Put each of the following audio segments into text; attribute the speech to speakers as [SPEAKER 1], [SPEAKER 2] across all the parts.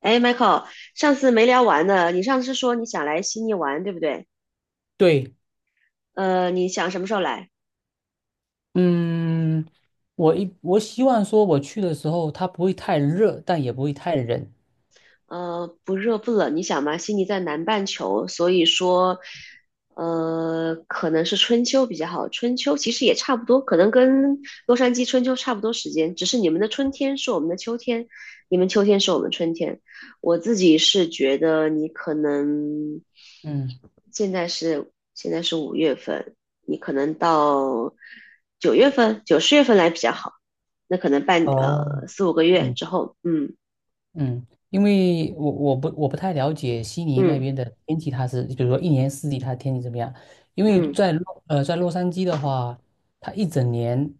[SPEAKER 1] 哎，Michael，上次没聊完呢。你上次说你想来悉尼玩，对不对？
[SPEAKER 2] 对，
[SPEAKER 1] 你想什么时候来？
[SPEAKER 2] 嗯，我希望说我去的时候它不会太热，但也不会太冷。
[SPEAKER 1] 不热不冷，你想嘛，悉尼在南半球，所以说，可能是春秋比较好。春秋其实也差不多，可能跟洛杉矶春秋差不多时间，只是你们的春天是我们的秋天，你们秋天是我们春天。我自己是觉得你可能
[SPEAKER 2] 嗯
[SPEAKER 1] 现在是五月份，你可能到九月份、九十月份来比较好，那可能半
[SPEAKER 2] 哦，
[SPEAKER 1] 四五个月
[SPEAKER 2] 嗯
[SPEAKER 1] 之后，
[SPEAKER 2] 嗯，因为我不太了解悉尼那
[SPEAKER 1] 嗯
[SPEAKER 2] 边的天气，它是比如说一年四季它的天气怎么样？因为
[SPEAKER 1] 嗯。
[SPEAKER 2] 在洛杉矶的话，它一整年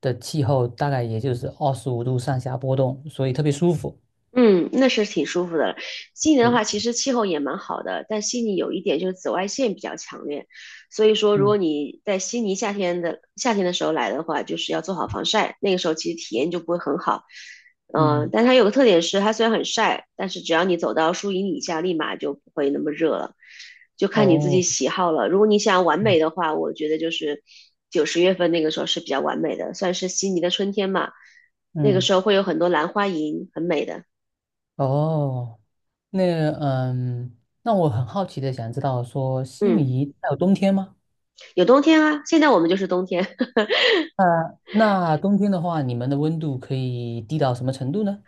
[SPEAKER 2] 的气候大概也就是25度上下波动，所以特别舒服。
[SPEAKER 1] 嗯，那是挺舒服的。悉尼的话，
[SPEAKER 2] 对，
[SPEAKER 1] 其实气候也蛮好的，但悉尼有一点就是紫外线比较强烈，所以说如果
[SPEAKER 2] 嗯
[SPEAKER 1] 你在悉尼夏天的时候来的话，就是要做好防晒，那个时候其实体验就不会很好。嗯、
[SPEAKER 2] 嗯，
[SPEAKER 1] 但它有个特点是，它虽然很晒，但是只要你走到树荫底下，立马就不会那么热了，就看你自己
[SPEAKER 2] 哦，
[SPEAKER 1] 喜好了。如果你想完美的
[SPEAKER 2] 嗯
[SPEAKER 1] 话，我觉得就是九十月份那个时候是比较完美的，算是悉尼的春天嘛，那个时候
[SPEAKER 2] 嗯，
[SPEAKER 1] 会有很多兰花楹，很美的。
[SPEAKER 2] 哦。那那我很好奇的想知道说，悉
[SPEAKER 1] 嗯，
[SPEAKER 2] 尼它有冬天吗？
[SPEAKER 1] 有冬天啊，现在我们就是冬天。
[SPEAKER 2] 啊，那冬天的话，你们的温度可以低到什么程度呢？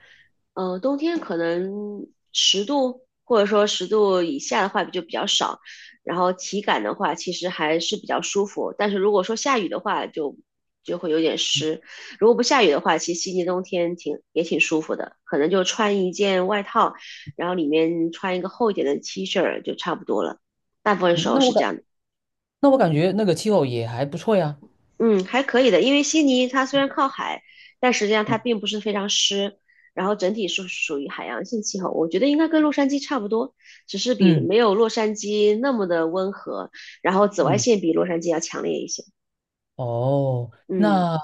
[SPEAKER 1] 嗯、冬天可能十度或者说十度以下的话就比较少，然后体感的话其实还是比较舒服。但是如果说下雨的话就，就会有点湿。如果不下雨的话，其实悉尼冬天挺也挺舒服的，可能就穿一件外套，然后里面穿一个厚一点的 T 恤儿就差不多了。大部分时
[SPEAKER 2] 嗯，
[SPEAKER 1] 候
[SPEAKER 2] 那
[SPEAKER 1] 是
[SPEAKER 2] 我
[SPEAKER 1] 这
[SPEAKER 2] 感
[SPEAKER 1] 样的。
[SPEAKER 2] 那我感觉那个气候也还不错呀。
[SPEAKER 1] 嗯，还可以的，因为悉尼它虽然靠海，但实际上它
[SPEAKER 2] 嗯
[SPEAKER 1] 并不是非常湿，然后整体是属于海洋性气候，我觉得应该跟洛杉矶差不多，只是比
[SPEAKER 2] 嗯
[SPEAKER 1] 没有洛杉矶那么的温和，然后紫外
[SPEAKER 2] 嗯，
[SPEAKER 1] 线比洛杉矶要强烈一些。
[SPEAKER 2] 哦，
[SPEAKER 1] 嗯
[SPEAKER 2] 那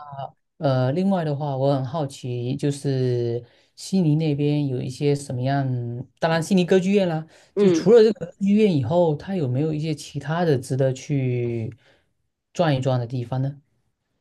[SPEAKER 2] 另外的话，我很好奇，就是悉尼那边有一些什么样？当然，悉尼歌剧院啦，就
[SPEAKER 1] 嗯。
[SPEAKER 2] 除了这个歌剧院以后，它有没有一些其他的值得去转一转的地方呢？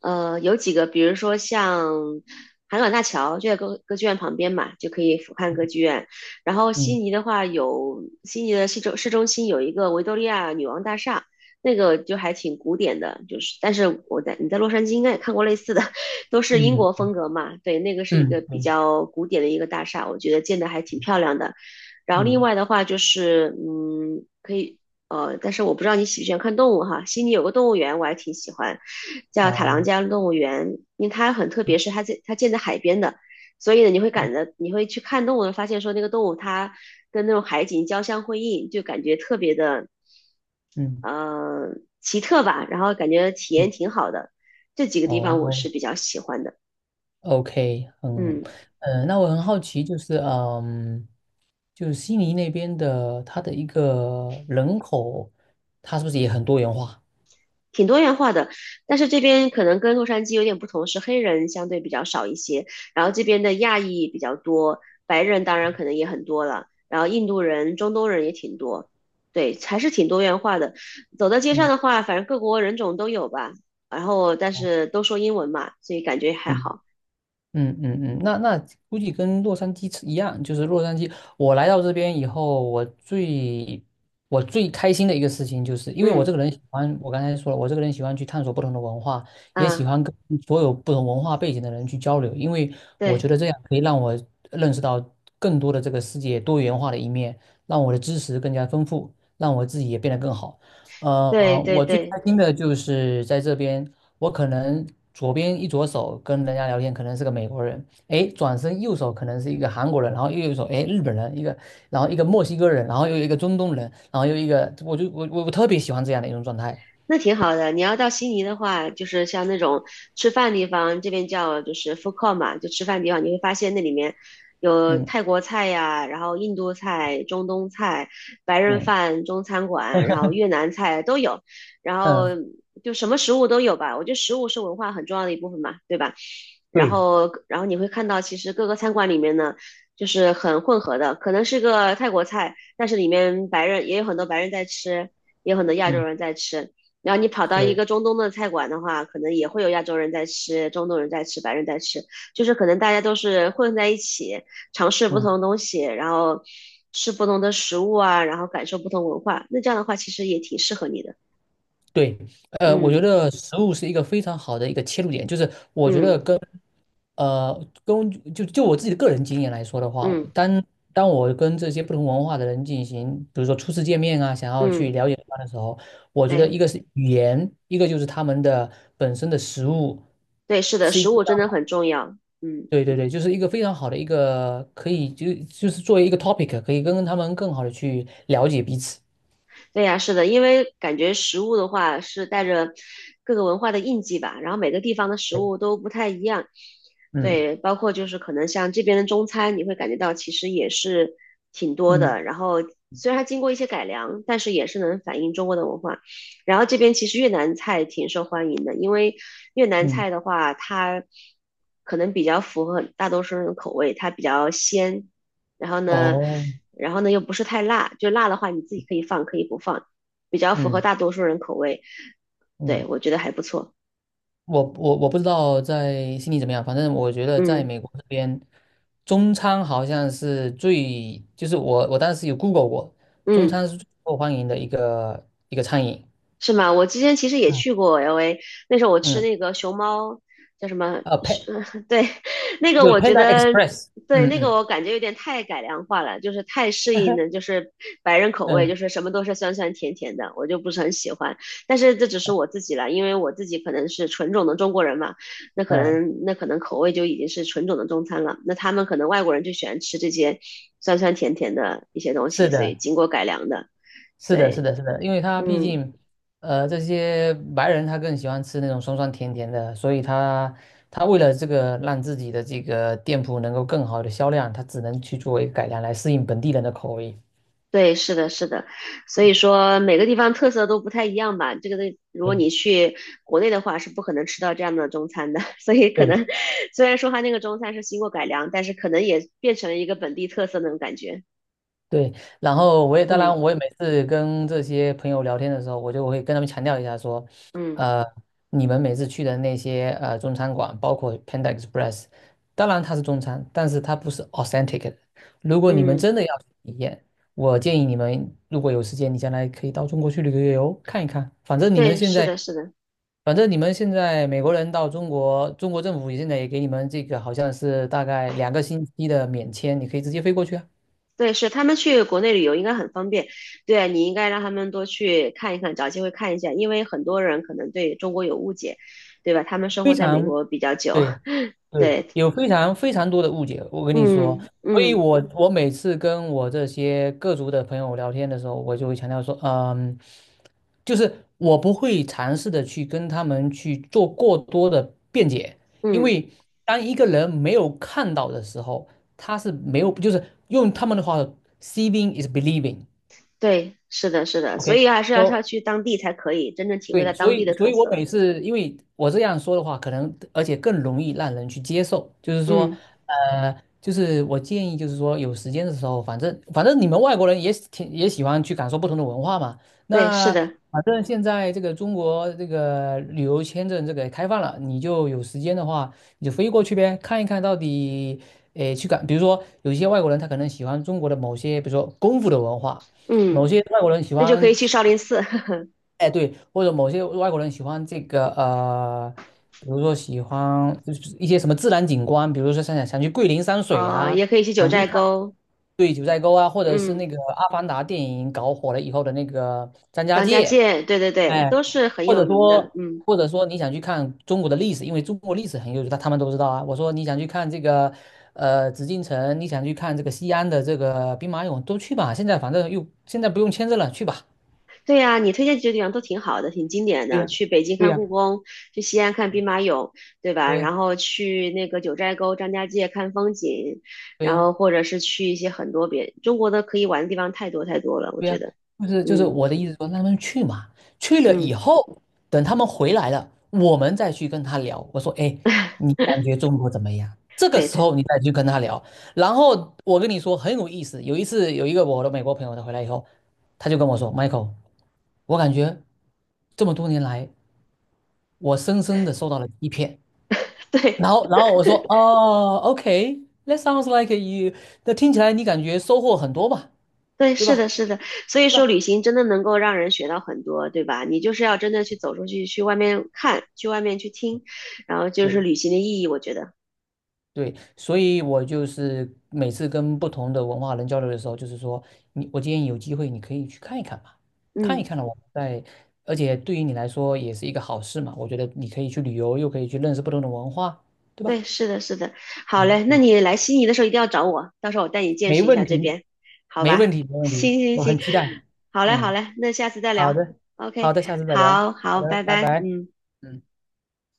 [SPEAKER 1] 有几个，比如说像海港大桥就在歌剧院旁边嘛，就可以俯瞰歌剧院。然后悉
[SPEAKER 2] 嗯
[SPEAKER 1] 尼的话有，悉尼的市中心有一个维多利亚女王大厦，那个就还挺古典的，就是但是你在洛杉矶应该也看过类似的，都是英国
[SPEAKER 2] 嗯。
[SPEAKER 1] 风格嘛。对，那个是一个
[SPEAKER 2] 嗯
[SPEAKER 1] 比
[SPEAKER 2] 嗯
[SPEAKER 1] 较古典的一个大厦，我觉得建的还挺漂亮的。然后另
[SPEAKER 2] 嗯，
[SPEAKER 1] 外的话就是，嗯，可以。但是我不知道你喜不喜欢看动物哈。悉尼有个动物园，我还挺喜欢，叫塔朗加
[SPEAKER 2] 好，
[SPEAKER 1] 动物园，因为它很特别，是它建在海边的，所以呢，你会感
[SPEAKER 2] 嗯
[SPEAKER 1] 觉你会去看动物，发现说那个动物它跟那种海景交相辉映，就感觉特别的
[SPEAKER 2] 嗯
[SPEAKER 1] 呃奇特吧，然后感觉体
[SPEAKER 2] 嗯，
[SPEAKER 1] 验挺好的，这几个地方我是
[SPEAKER 2] 哦
[SPEAKER 1] 比较喜欢的，
[SPEAKER 2] ，OK,
[SPEAKER 1] 嗯。
[SPEAKER 2] 那我很好奇，就是悉尼那边的它的一个人口，它是不是也很多元化？
[SPEAKER 1] 挺多元化的，但是这边可能跟洛杉矶有点不同，是黑人相对比较少一些，然后这边的亚裔比较多，白人当然可能也很多了，然后印度人、中东人也挺多，对，还是挺多元化的。走到街上
[SPEAKER 2] 嗯，
[SPEAKER 1] 的话，反正各国人种都有吧，然后但是都说英文嘛，所以感觉还
[SPEAKER 2] 嗯
[SPEAKER 1] 好。
[SPEAKER 2] 那估计跟洛杉矶一样，就是洛杉矶。我来到这边以后，我最开心的一个事情，就是因为我这
[SPEAKER 1] 嗯
[SPEAKER 2] 个人喜欢，我刚才说了，我这个人喜欢去探索不同的文化，也喜
[SPEAKER 1] 嗯，
[SPEAKER 2] 欢跟所有不同文化背景的人去交流，因为我觉
[SPEAKER 1] 对
[SPEAKER 2] 得这样可以让我认识到更多的这个世界多元化的一面，让我的知识更加丰富，让我自己也变得更好。
[SPEAKER 1] 对对
[SPEAKER 2] 我最开
[SPEAKER 1] 对。
[SPEAKER 2] 心的就是在这边。我可能左边一左手跟人家聊天，可能是个美国人，哎，转身右手可能是一个韩国人，然后右手，哎，日本人一个，然后一个墨西哥人，然后又一个中东人，然后又一个，我就我我我特别喜欢这样的一种状态。
[SPEAKER 1] 那挺好的。你要到悉尼的话，就是像那种吃饭地方，这边叫就是 food court 嘛，就吃饭地方，你会发现那里面有
[SPEAKER 2] 嗯
[SPEAKER 1] 泰国菜呀，然后印度菜、中东菜、白人
[SPEAKER 2] 嗯
[SPEAKER 1] 饭、中餐馆，然后越南菜都有，然后
[SPEAKER 2] 嗯，
[SPEAKER 1] 就什么食物都有吧。我觉得食物是文化很重要的一部分嘛，对吧？然
[SPEAKER 2] 对，
[SPEAKER 1] 后然后你会看到，其实各个餐馆里面呢，就是很混合的，可能是个泰国菜，但是里面白人也有很多白人在吃，也有很多亚洲
[SPEAKER 2] 嗯
[SPEAKER 1] 人在吃。然后你跑到一
[SPEAKER 2] 对。
[SPEAKER 1] 个中东的菜馆的话，可能也会有亚洲人在吃，中东人在吃，白人在吃，就是可能大家都是混在一起，尝试不
[SPEAKER 2] 嗯，
[SPEAKER 1] 同的东西，然后吃不同的食物啊，然后感受不同文化。那这样的话，其实也挺适合你的。
[SPEAKER 2] 对，我觉
[SPEAKER 1] 嗯
[SPEAKER 2] 得食物是一个非常好的一个切入点，就是我觉得
[SPEAKER 1] 嗯
[SPEAKER 2] 跟就我自己的个人经验来说的话，
[SPEAKER 1] 嗯
[SPEAKER 2] 当我跟这些不同文化的人进行，比如说初次见面啊，想要去
[SPEAKER 1] 嗯，
[SPEAKER 2] 了解他的时候，我觉得
[SPEAKER 1] 对
[SPEAKER 2] 一个是语言，一个就是他们的本身的食物，
[SPEAKER 1] 对，是的，
[SPEAKER 2] 是一
[SPEAKER 1] 食
[SPEAKER 2] 个，
[SPEAKER 1] 物真的很重要。嗯。
[SPEAKER 2] 对对对，就是一个非常好的一个可以就是作为一个 topic,可以跟他们更好的去了解彼此。
[SPEAKER 1] 对呀，是的，因为感觉食物的话是带着各个文化的印记吧，然后每个地方的食
[SPEAKER 2] 对，
[SPEAKER 1] 物都不太一样。
[SPEAKER 2] 嗯
[SPEAKER 1] 对，包括就是可能像这边的中餐，你会感觉到其实也是挺多
[SPEAKER 2] 嗯
[SPEAKER 1] 的。然后虽然它经过一些改良，但是也是能反映中国的文化。然后这边其实越南菜挺受欢迎的，因为越南
[SPEAKER 2] 嗯，
[SPEAKER 1] 菜的话，它可能比较符合大多数人的口味，它比较鲜，然后呢，
[SPEAKER 2] 哦，
[SPEAKER 1] 然后呢又不是太辣，就辣的话你自己可以放，可以不放，比较符合
[SPEAKER 2] 嗯
[SPEAKER 1] 大多数人口味。对，
[SPEAKER 2] 嗯。
[SPEAKER 1] 我觉得还不错。
[SPEAKER 2] 我不知道在悉尼怎么样，反正我觉得在
[SPEAKER 1] 嗯
[SPEAKER 2] 美国这边，中餐好像是最，就是我当时有 Google 过，中
[SPEAKER 1] 嗯。
[SPEAKER 2] 餐是最受欢迎的一个餐饮。
[SPEAKER 1] 是吗？我之前其实也
[SPEAKER 2] 嗯，
[SPEAKER 1] 去过 LA，那时候我吃
[SPEAKER 2] 嗯，
[SPEAKER 1] 那个熊猫叫什么？
[SPEAKER 2] 呃，Pan，
[SPEAKER 1] 对，那个 我觉
[SPEAKER 2] Panda
[SPEAKER 1] 得，
[SPEAKER 2] Express。
[SPEAKER 1] 对，
[SPEAKER 2] 嗯
[SPEAKER 1] 那个
[SPEAKER 2] 嗯，
[SPEAKER 1] 我感觉有点太改良化了，就是太适应了，就是白人口味，
[SPEAKER 2] 嗯
[SPEAKER 1] 就是什么都是酸酸甜甜的，我就不是很喜欢。但是这只是我自己了，因为我自己可能是纯种的中国人嘛，那可
[SPEAKER 2] 嗯，
[SPEAKER 1] 能那可能口味就已经是纯种的中餐了，那他们可能外国人就喜欢吃这些酸酸甜甜的一些东西，
[SPEAKER 2] 是
[SPEAKER 1] 所以
[SPEAKER 2] 的。
[SPEAKER 1] 经过改良的，
[SPEAKER 2] 是的，是
[SPEAKER 1] 对，
[SPEAKER 2] 的，是的，因为他毕
[SPEAKER 1] 嗯
[SPEAKER 2] 竟，这些白人他更喜欢吃那种酸酸甜甜的，所以他为了这个让自己的这个店铺能够更好的销量，他只能去作为改良来适应本地人的口味。
[SPEAKER 1] 对，是的，是的，所以说每个地方特色都不太一样吧。这个东西，如果
[SPEAKER 2] 对，
[SPEAKER 1] 你去国内的话，是不可能吃到这样的中餐的。所以可能
[SPEAKER 2] 对
[SPEAKER 1] 虽然说它那个中餐是经过改良，但是可能也变成了一个本地特色那种感觉。
[SPEAKER 2] 对，然后我也当然，
[SPEAKER 1] 嗯
[SPEAKER 2] 我也每次跟这些朋友聊天的时候，我就会跟他们强调一下说，
[SPEAKER 1] 嗯
[SPEAKER 2] 呃，你们每次去的那些中餐馆，包括 Panda Express,当然它是中餐，但是它不是 authentic 的。如果你们
[SPEAKER 1] 嗯，
[SPEAKER 2] 真的要去体验，我建议你们如果有时间，你将来可以到中国去旅个游，看一看。反正你们
[SPEAKER 1] 对，
[SPEAKER 2] 现
[SPEAKER 1] 是
[SPEAKER 2] 在，
[SPEAKER 1] 的，是的，
[SPEAKER 2] 反正你们现在美国人到中国，中国政府现在也给你们这个好像是大概2个星期的免签，你可以直接飞过去啊，
[SPEAKER 1] 对，是他们去国内旅游应该很方便。对啊，你应该让他们多去看一看，找机会看一下，因为很多人可能对中国有误解，对吧？他们生
[SPEAKER 2] 非
[SPEAKER 1] 活在美
[SPEAKER 2] 常。
[SPEAKER 1] 国比较久，
[SPEAKER 2] 对。对，
[SPEAKER 1] 对，
[SPEAKER 2] 有非常非常多的误解，我跟你说，
[SPEAKER 1] 嗯
[SPEAKER 2] 所以
[SPEAKER 1] 嗯。
[SPEAKER 2] 我每次跟我这些各族的朋友聊天的时候，我就会强调说，就是我不会尝试的去跟他们去做过多的辩解，因
[SPEAKER 1] 嗯
[SPEAKER 2] 为当一个人没有看到的时候，他是没有，就是用他们的话，seeing is
[SPEAKER 1] 对，是的，是的，所以还是要
[SPEAKER 2] believing，OK，so
[SPEAKER 1] 去当地才可以真正体会
[SPEAKER 2] 对，
[SPEAKER 1] 到
[SPEAKER 2] 所
[SPEAKER 1] 当地
[SPEAKER 2] 以，
[SPEAKER 1] 的
[SPEAKER 2] 所
[SPEAKER 1] 特
[SPEAKER 2] 以我
[SPEAKER 1] 色。
[SPEAKER 2] 每次，因为我这样说的话，可能而且更容易让人去接受。就是说，
[SPEAKER 1] 嗯，
[SPEAKER 2] 就是我建议，就是说有时间的时候，反正你们外国人挺也喜欢去感受不同的文化嘛。
[SPEAKER 1] 对，是
[SPEAKER 2] 那
[SPEAKER 1] 的，
[SPEAKER 2] 反正现在这个中国这个旅游签证这个开放了，你就有时间的话，你就飞过去呗，看一看到底，诶，比如说有一些外国人他可能喜欢中国的某些，比如说功夫的文化。某
[SPEAKER 1] 嗯，
[SPEAKER 2] 些外国人喜
[SPEAKER 1] 那就可以
[SPEAKER 2] 欢，
[SPEAKER 1] 去少林寺，
[SPEAKER 2] 哎，对，或者某些外国人喜欢这个比如说喜欢就是一些什么自然景观，比如说想去桂林山水
[SPEAKER 1] 呃，
[SPEAKER 2] 啊，
[SPEAKER 1] 也可以去九
[SPEAKER 2] 想去
[SPEAKER 1] 寨
[SPEAKER 2] 看，
[SPEAKER 1] 沟，
[SPEAKER 2] 对，九寨沟啊，或者是那
[SPEAKER 1] 嗯，
[SPEAKER 2] 个《阿凡达》电影搞火了以后的那个张家
[SPEAKER 1] 张家
[SPEAKER 2] 界，
[SPEAKER 1] 界，对对对，
[SPEAKER 2] 哎，
[SPEAKER 1] 都是很
[SPEAKER 2] 或
[SPEAKER 1] 有
[SPEAKER 2] 者
[SPEAKER 1] 名的。
[SPEAKER 2] 说
[SPEAKER 1] 嗯，
[SPEAKER 2] 或者说你想去看中国的历史，因为中国历史很悠久，他们都知道啊。我说你想去看这个紫禁城，你想去看这个西安的这个兵马俑，都去吧。现在反正又现在不用签证了，去吧。
[SPEAKER 1] 对呀，你推荐几个地方都挺好的，挺经典
[SPEAKER 2] 对
[SPEAKER 1] 的。
[SPEAKER 2] 呀，
[SPEAKER 1] 去北京
[SPEAKER 2] 对
[SPEAKER 1] 看
[SPEAKER 2] 呀，
[SPEAKER 1] 故宫，去西安看兵马俑，对吧？
[SPEAKER 2] 对呀，
[SPEAKER 1] 然后去那个九寨沟、张家界看风景，
[SPEAKER 2] 对
[SPEAKER 1] 然
[SPEAKER 2] 呀。
[SPEAKER 1] 后或者是去一些很多别中国的可以玩的地方太多太多了，我
[SPEAKER 2] 对呀，
[SPEAKER 1] 觉得。
[SPEAKER 2] 就是
[SPEAKER 1] 嗯
[SPEAKER 2] 我的意思说，让他们去嘛，去了
[SPEAKER 1] 嗯，
[SPEAKER 2] 以后，等他们回来了，我们再去跟他聊。我说，哎，你感觉中国怎么样？这个
[SPEAKER 1] 对，
[SPEAKER 2] 时候你再去跟他聊。然后我跟你说很有意思，有一次有一个我的美国朋友，他回来以后，他就跟我说，Michael,我感觉这么多年来，我深深的受到了欺骗。
[SPEAKER 1] 对
[SPEAKER 2] 然后我说，哦OK，that sounds like you,那听起来你感觉收获很多吧，
[SPEAKER 1] 对，
[SPEAKER 2] 对
[SPEAKER 1] 是
[SPEAKER 2] 吧？
[SPEAKER 1] 的，是的，所以
[SPEAKER 2] 对
[SPEAKER 1] 说
[SPEAKER 2] 吧？
[SPEAKER 1] 旅行真的能够让人学到很多，对吧？你就是要真的去走出去，去外面看，去外面去听，然后就是
[SPEAKER 2] 对
[SPEAKER 1] 旅行的意义，我觉得，
[SPEAKER 2] 对，所以我就是每次跟不同的文化人交流的时候，就是说，我建议有机会你可以去看一看嘛，看一
[SPEAKER 1] 嗯，
[SPEAKER 2] 看了我们在，而且对于你来说也是一个好事嘛。我觉得你可以去旅游，又可以去认识不同的文化，对吧？
[SPEAKER 1] 对，是的，是的，好
[SPEAKER 2] 嗯
[SPEAKER 1] 嘞，那
[SPEAKER 2] 嗯，
[SPEAKER 1] 你来悉尼的时候一定要找我，到时候我带你见
[SPEAKER 2] 没
[SPEAKER 1] 识一
[SPEAKER 2] 问
[SPEAKER 1] 下这
[SPEAKER 2] 题，
[SPEAKER 1] 边，好
[SPEAKER 2] 没问
[SPEAKER 1] 吧？
[SPEAKER 2] 题，没 问题，
[SPEAKER 1] 行行
[SPEAKER 2] 我
[SPEAKER 1] 行，
[SPEAKER 2] 很期待。
[SPEAKER 1] 好嘞，好
[SPEAKER 2] 嗯，
[SPEAKER 1] 嘞，那下次再
[SPEAKER 2] 好
[SPEAKER 1] 聊
[SPEAKER 2] 的，好
[SPEAKER 1] ，OK，
[SPEAKER 2] 的，下次再聊。
[SPEAKER 1] 好
[SPEAKER 2] 好
[SPEAKER 1] 好，
[SPEAKER 2] 的，
[SPEAKER 1] 拜
[SPEAKER 2] 拜
[SPEAKER 1] 拜，
[SPEAKER 2] 拜。
[SPEAKER 1] 嗯。
[SPEAKER 2] 嗯。